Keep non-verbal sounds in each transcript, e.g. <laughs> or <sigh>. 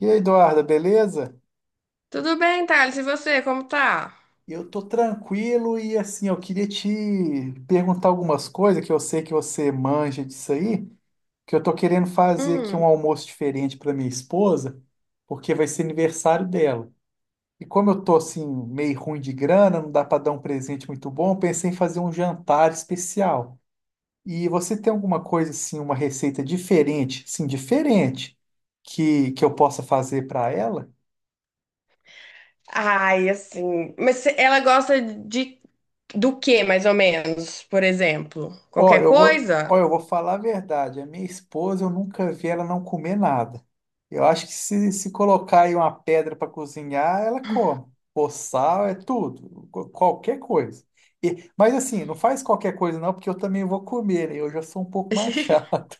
E aí, Eduarda, beleza? Tudo bem, Thales? E você, como tá? Eu tô tranquilo e assim, eu queria te perguntar algumas coisas que eu sei que você manja disso aí, que eu tô querendo fazer aqui um Hum. almoço diferente para minha esposa, porque vai ser aniversário dela. E como eu tô assim meio ruim de grana, não dá para dar um presente muito bom, eu pensei em fazer um jantar especial. E você tem alguma coisa assim, uma receita diferente, sim, diferente que eu possa fazer para ela? Ai, assim. Ela gosta de do que, mais ou menos? Por exemplo, Ó, qualquer coisa? Eu vou falar a verdade. A minha esposa, eu nunca vi ela não comer nada. Eu acho que se colocar aí uma pedra para cozinhar, ela come. Ou sal, é tudo. Qualquer coisa. Mas assim, não faz qualquer coisa não, porque eu também vou comer, né? Eu já sou um pouco mais <laughs> <laughs> chato.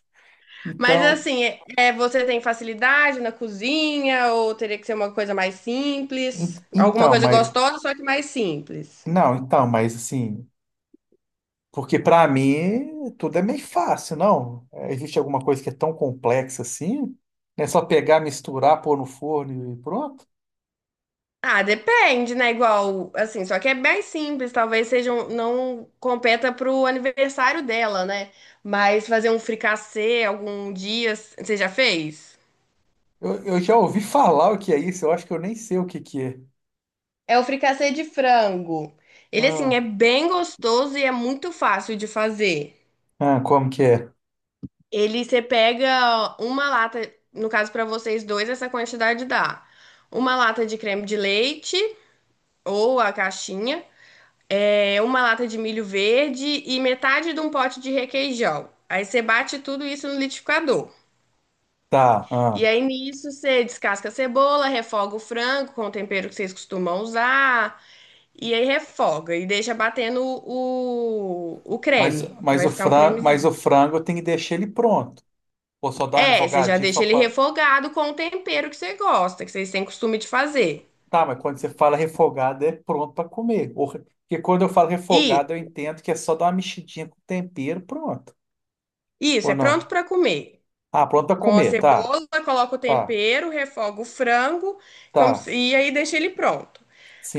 Mas Então, assim, você tem facilidade na cozinha ou teria que ser uma coisa mais en- simples? Alguma então, coisa mas... gostosa, só que mais simples. Não, então, mas assim... Porque para mim, tudo é meio fácil, não? É, existe alguma coisa que é tão complexa assim? É só pegar, misturar, pôr no forno e pronto? Ah, depende, né? Igual, assim, só que é bem simples, não competa pro aniversário dela, né? Mas fazer um fricassê algum dia, você já fez? Eu já ouvi falar o que é isso, eu acho que eu nem sei o que que é. É o fricassê de frango. Ele, assim, Ah, é bem gostoso e é muito fácil de fazer. ah, como que é? Ele, você pega uma lata, no caso para vocês dois, essa quantidade dá. Uma lata de creme de leite ou a caixinha. É, uma lata de milho verde e metade de um pote de requeijão. Aí você bate tudo isso no liquidificador. Tá, ah. E aí nisso você descasca a cebola, refoga o frango com o tempero que vocês costumam usar. E aí refoga e deixa batendo o Mas, creme. mas Vai o ficar um frango, mas o cremezinho. frango eu tenho que deixar ele pronto. Ou só dar uma É, você já refogadinha deixa só ele pra. refogado com o tempero que você gosta, que vocês têm costume de fazer. Tá, mas quando você fala refogado é pronto pra comer. Porque quando eu falo refogado eu Isso, entendo que é só dar uma mexidinha com tempero, pronto. isso, Ou é pronto não? para comer. Ah, pronto pra Com a comer, tá, cebola, coloca o tá, tempero, refoga o frango, como tá. se- e aí deixa ele pronto.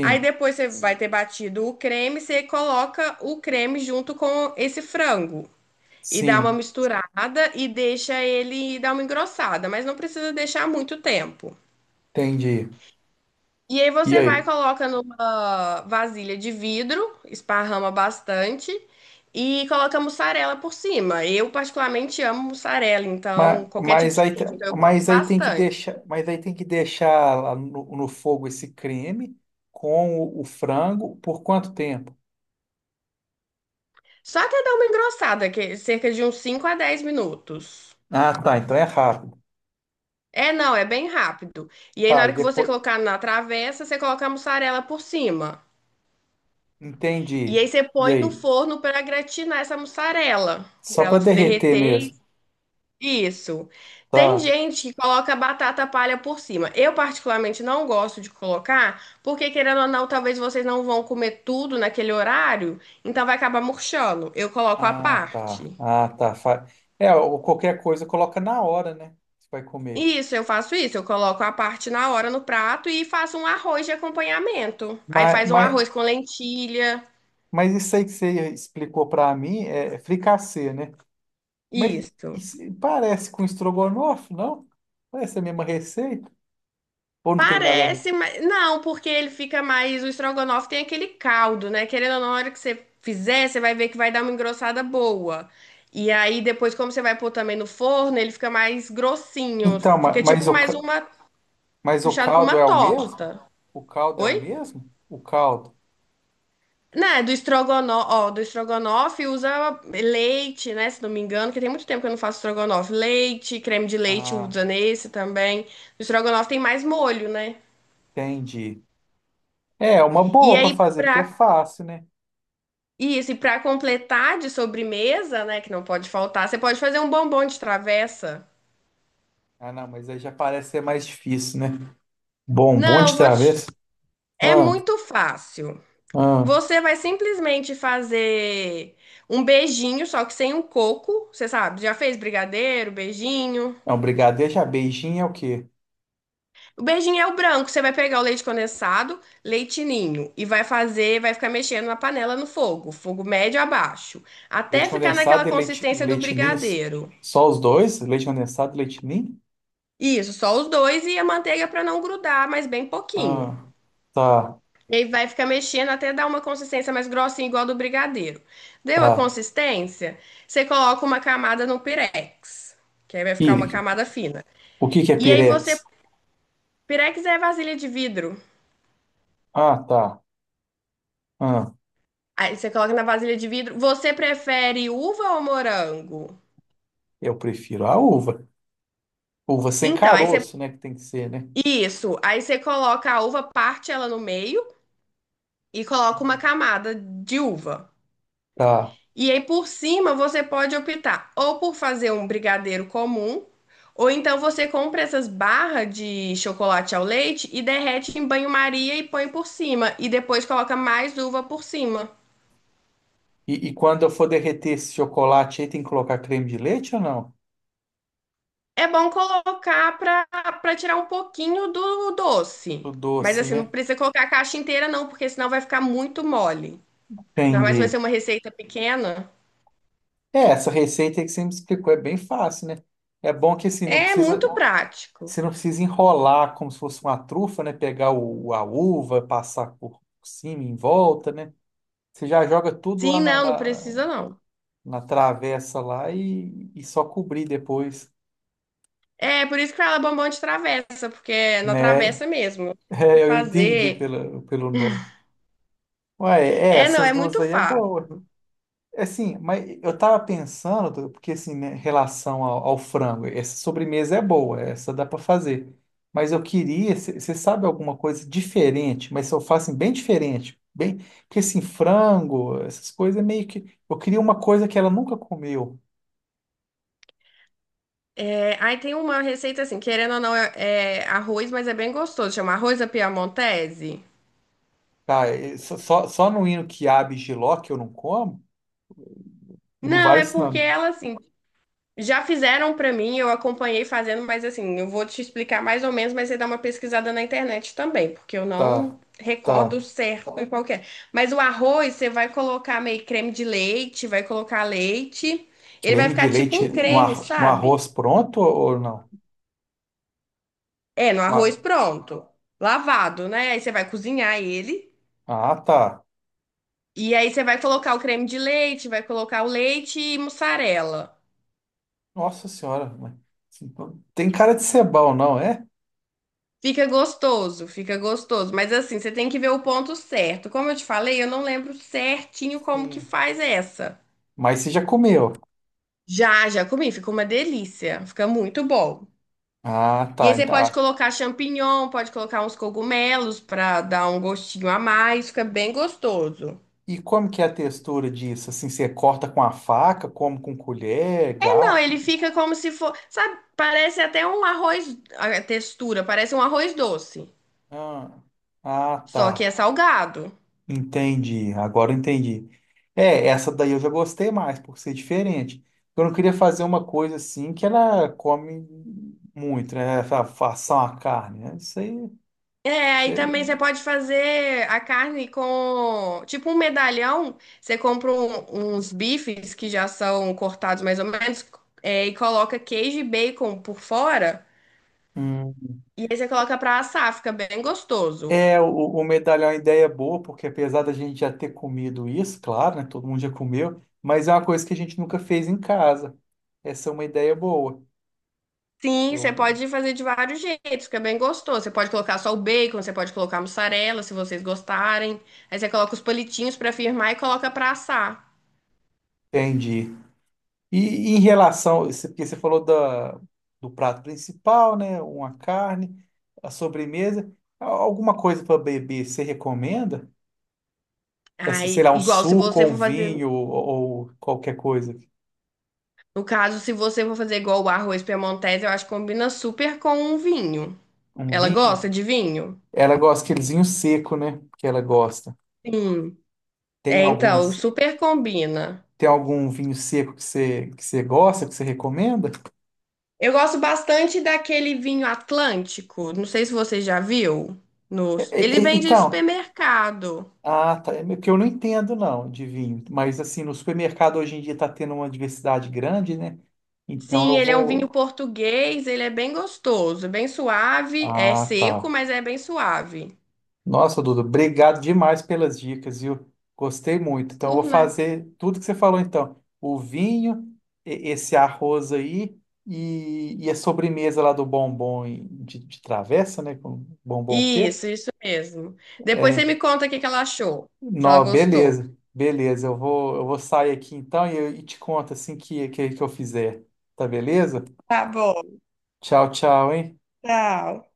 Aí depois você vai ter batido o creme, você coloca o creme junto com esse frango e dá uma sim, misturada e deixa ele dar uma engrossada, mas não precisa deixar muito tempo. entendi. E aí E você vai aí? coloca numa vasilha de vidro, esparrama bastante e coloca mussarela por cima. Eu particularmente amo mussarela, Mas, então qualquer tipo mas de aí, te- queijo, então eu coloco bastante. Mas aí tem que deixar lá no fogo esse creme com o frango por quanto tempo? Só até dar uma engrossada, que é cerca de uns 5 a 10 minutos. Ah, tá, então é rápido. É, não, é bem rápido. E aí, na Tá, e hora que você depois colocar na travessa, você coloca a mussarela por cima. E entendi. aí, você E põe no aí? forno para gratinar essa mussarela, Só para ela para se derreter derreter. mesmo. Isso. Tem Tá. gente que coloca batata palha por cima. Eu, particularmente, não gosto de colocar, porque, querendo ou não, talvez vocês não vão comer tudo naquele horário, então vai acabar murchando. Eu coloco à Ah, tá. parte. Ah, tá. É, ou qualquer coisa coloca na hora, né? Você vai comer. Isso, eu faço isso. Eu coloco a parte na hora no prato e faço um arroz de acompanhamento. Aí Mas, faz um mas, arroz com lentilha. mas isso aí que você explicou para mim é fricassê, né? Mas Isso. isso parece com estrogonofe, não? Parece a mesma receita? Ou não tem nada a ver? Parece, mas não, porque ele fica mais. O estrogonofe tem aquele caldo, né? Querendo ou não, na hora que você fizer, você vai ver que vai dar uma engrossada boa. E aí depois, como você vai pôr também no forno, ele fica mais grossinho. Então, ma- Fica tipo mas, o, mais ca- uma. mas o Puxado pra caldo uma é o mesmo? torta. O caldo é o Oi? mesmo? O caldo. Né, do estrogonofe, ó, do estrogonofe usa leite, né, se não me engano, que tem muito tempo que eu não faço estrogonofe. Leite, creme de leite Ah, usa nesse também. No estrogonofe tem mais molho, né? entendi. É uma E boa para aí, fazer, porque pra, é fácil, né? isso, e pra completar de sobremesa, né, que não pode faltar, você pode fazer um bombom de travessa. Ah, não, mas aí já parece ser mais difícil, né? Bom, bom de Não, vou te... travessa. é Ah, muito fácil. ah. Você vai simplesmente fazer um beijinho, só que sem o coco, você sabe, já fez brigadeiro, beijinho. É um brigadeiro, já beijinho é o quê? O beijinho é o branco. Você vai pegar o leite condensado, leite ninho e vai fazer, vai ficar mexendo na panela no fogo, fogo médio a baixo, até Leite ficar condensado naquela e consistência do leite ninho? brigadeiro. Só os dois? Leite condensado e leite ninho? Isso, só os dois e a manteiga para não grudar, mas bem pouquinho. Ah, tá, E aí vai ficar mexendo até dar uma consistência mais grossinha, igual a do brigadeiro. Deu a tá. consistência? Você coloca uma camada no pirex, que aí vai ficar uma Pire. camada fina. O que que é E aí pirex? você, pirex é vasilha de vidro. Ah, tá. Ah, Aí você coloca na vasilha de vidro. Você prefere uva ou morango? eu prefiro a uva. Uva sem Então, aí você. caroço, né? Que tem que ser, né? Isso. Aí você coloca a uva, parte ela no meio e coloca uma Hum. camada de uva. Tá. E aí por cima você pode optar ou por fazer um brigadeiro comum, ou então você compra essas barras de chocolate ao leite e derrete em banho-maria e põe por cima. E depois coloca mais uva por cima. E quando eu for derreter esse chocolate aí, tem que colocar creme de leite ou não? É bom colocar para tirar um pouquinho do doce. Do Mas doce, assim, não né? precisa colocar a caixa inteira, não, porque senão vai ficar muito mole. Ainda mais se vai Entendi. ser uma receita pequena. É, essa receita aí que você me explicou é bem fácil, né? É bom que assim, É muito prático. você não precisa enrolar como se fosse uma trufa, né? Pegar a uva, passar por cima, em volta, né? Você já joga tudo lá Sim, na, não, não na- precisa, não. na travessa lá e só cobrir depois, É por isso que fala bombom de travessa, porque é na né? travessa <laughs> mesmo. Tem que É, eu entendi fazer. pelo nome. Ué, é, É, não, essas é duas muito aí é fácil. boa. É, assim, mas eu tava pensando, Dudu, porque assim, né, em relação ao frango, essa sobremesa é boa, essa dá para fazer. Mas eu queria, você sabe alguma coisa diferente, mas eu faço assim, bem diferente, bem, porque assim, frango, essas coisas é meio que, eu queria uma coisa que ela nunca comeu, É, aí tem uma receita assim, querendo ou não, é arroz, mas é bem gostoso. Chama arroz à piamontese. tá? E só no hino quiabo e jiló que eu não como. Não Não, vai é porque ensinando. ela assim, já fizeram pra mim, eu acompanhei fazendo, mas assim, eu vou te explicar mais ou menos, mas você dá uma pesquisada na internet também, porque eu Tá, não recordo tá. certo em qualquer. Mas o arroz, você vai colocar meio creme de leite, vai colocar leite, ele vai Creme de ficar tipo um leite no, creme, ar, no sabe? arroz pronto ou não? É, no arroz Ah, pronto, lavado, né? Aí você vai cozinhar ele, ah, tá. e aí você vai colocar o creme de leite, vai colocar o leite e mussarela. Nossa Senhora. Tem cara de ser bom, não é? Fica gostoso, fica gostoso. Mas assim, você tem que ver o ponto certo. Como eu te falei, eu não lembro certinho como que Sim. faz essa. Mas você já comeu. Já, já comi, fica uma delícia. Fica muito bom. Ah, E tá. aí você Então, pode ah. colocar champignon, pode colocar uns cogumelos pra dar um gostinho a mais, fica bem gostoso. E como que é a textura disso? Assim, você corta com a faca, come com colher, É, não, garfo? ele fica como se for, sabe, parece até um arroz, a textura, parece um arroz doce, Ah, ah, só que tá. é salgado. Entendi, agora eu entendi. É, essa daí eu já gostei mais, por ser diferente. Eu não queria fazer uma coisa assim que ela come muito, né? Façam a carne, né? Isso aí. É, isso aí também aí- você pode fazer a carne com, tipo um medalhão, você compra uns bifes que já são cortados mais ou menos, é, e coloca queijo e bacon por fora, Hum. e aí você coloca pra assar, fica bem gostoso. É, o medalhão é uma ideia boa, porque apesar da gente já ter comido isso, claro, né? Todo mundo já comeu, mas é uma coisa que a gente nunca fez em casa. Essa é uma ideia boa. Sim, você Eu pode fazer de vários jeitos, fica bem gostoso. Você pode colocar só o bacon, você pode colocar mussarela, se vocês gostarem. Aí você coloca os palitinhos pra firmar e coloca pra assar. entendi. E em relação, porque você falou do prato principal, né? Uma carne, a sobremesa. Alguma coisa para beber, você recomenda? Assim, sei Aí, lá, um igual se suco você ou um for fazer vinho ou qualquer coisa. No caso, se você for fazer igual o arroz piemontese, eu acho que combina super com um vinho. Um Ela vinho? gosta de vinho? Ela gosta aquele vinho seco, né? Que ela gosta. Sim. Tem É, algum então, assim? super combina. Tem algum vinho seco que você gosta, que você recomenda? Eu gosto bastante daquele vinho Atlântico. Não sei se você já viu. Nos... ele vende em Então, supermercado. ah, tá. É que eu não entendo, não, de vinho. Mas, assim, no supermercado hoje em dia está tendo uma diversidade grande, né? Então Sim, eu ele é um vinho vou. português, ele é bem gostoso. É bem suave, é Ah, seco, tá. mas é bem suave. Nossa, Duda, obrigado demais pelas dicas, viu? Gostei muito. Então eu vou Por nada. fazer tudo que você falou, então. O vinho, esse arroz aí e a sobremesa lá do bombom de travessa, né? Com bombom o quê? Isso mesmo. Depois você É, me conta o que que ela achou, se ela não, gostou. beleza, beleza. Eu vou sair aqui então e te conto assim que eu fizer. Tá beleza? Tá bom, Tchau, tchau, hein? tchau.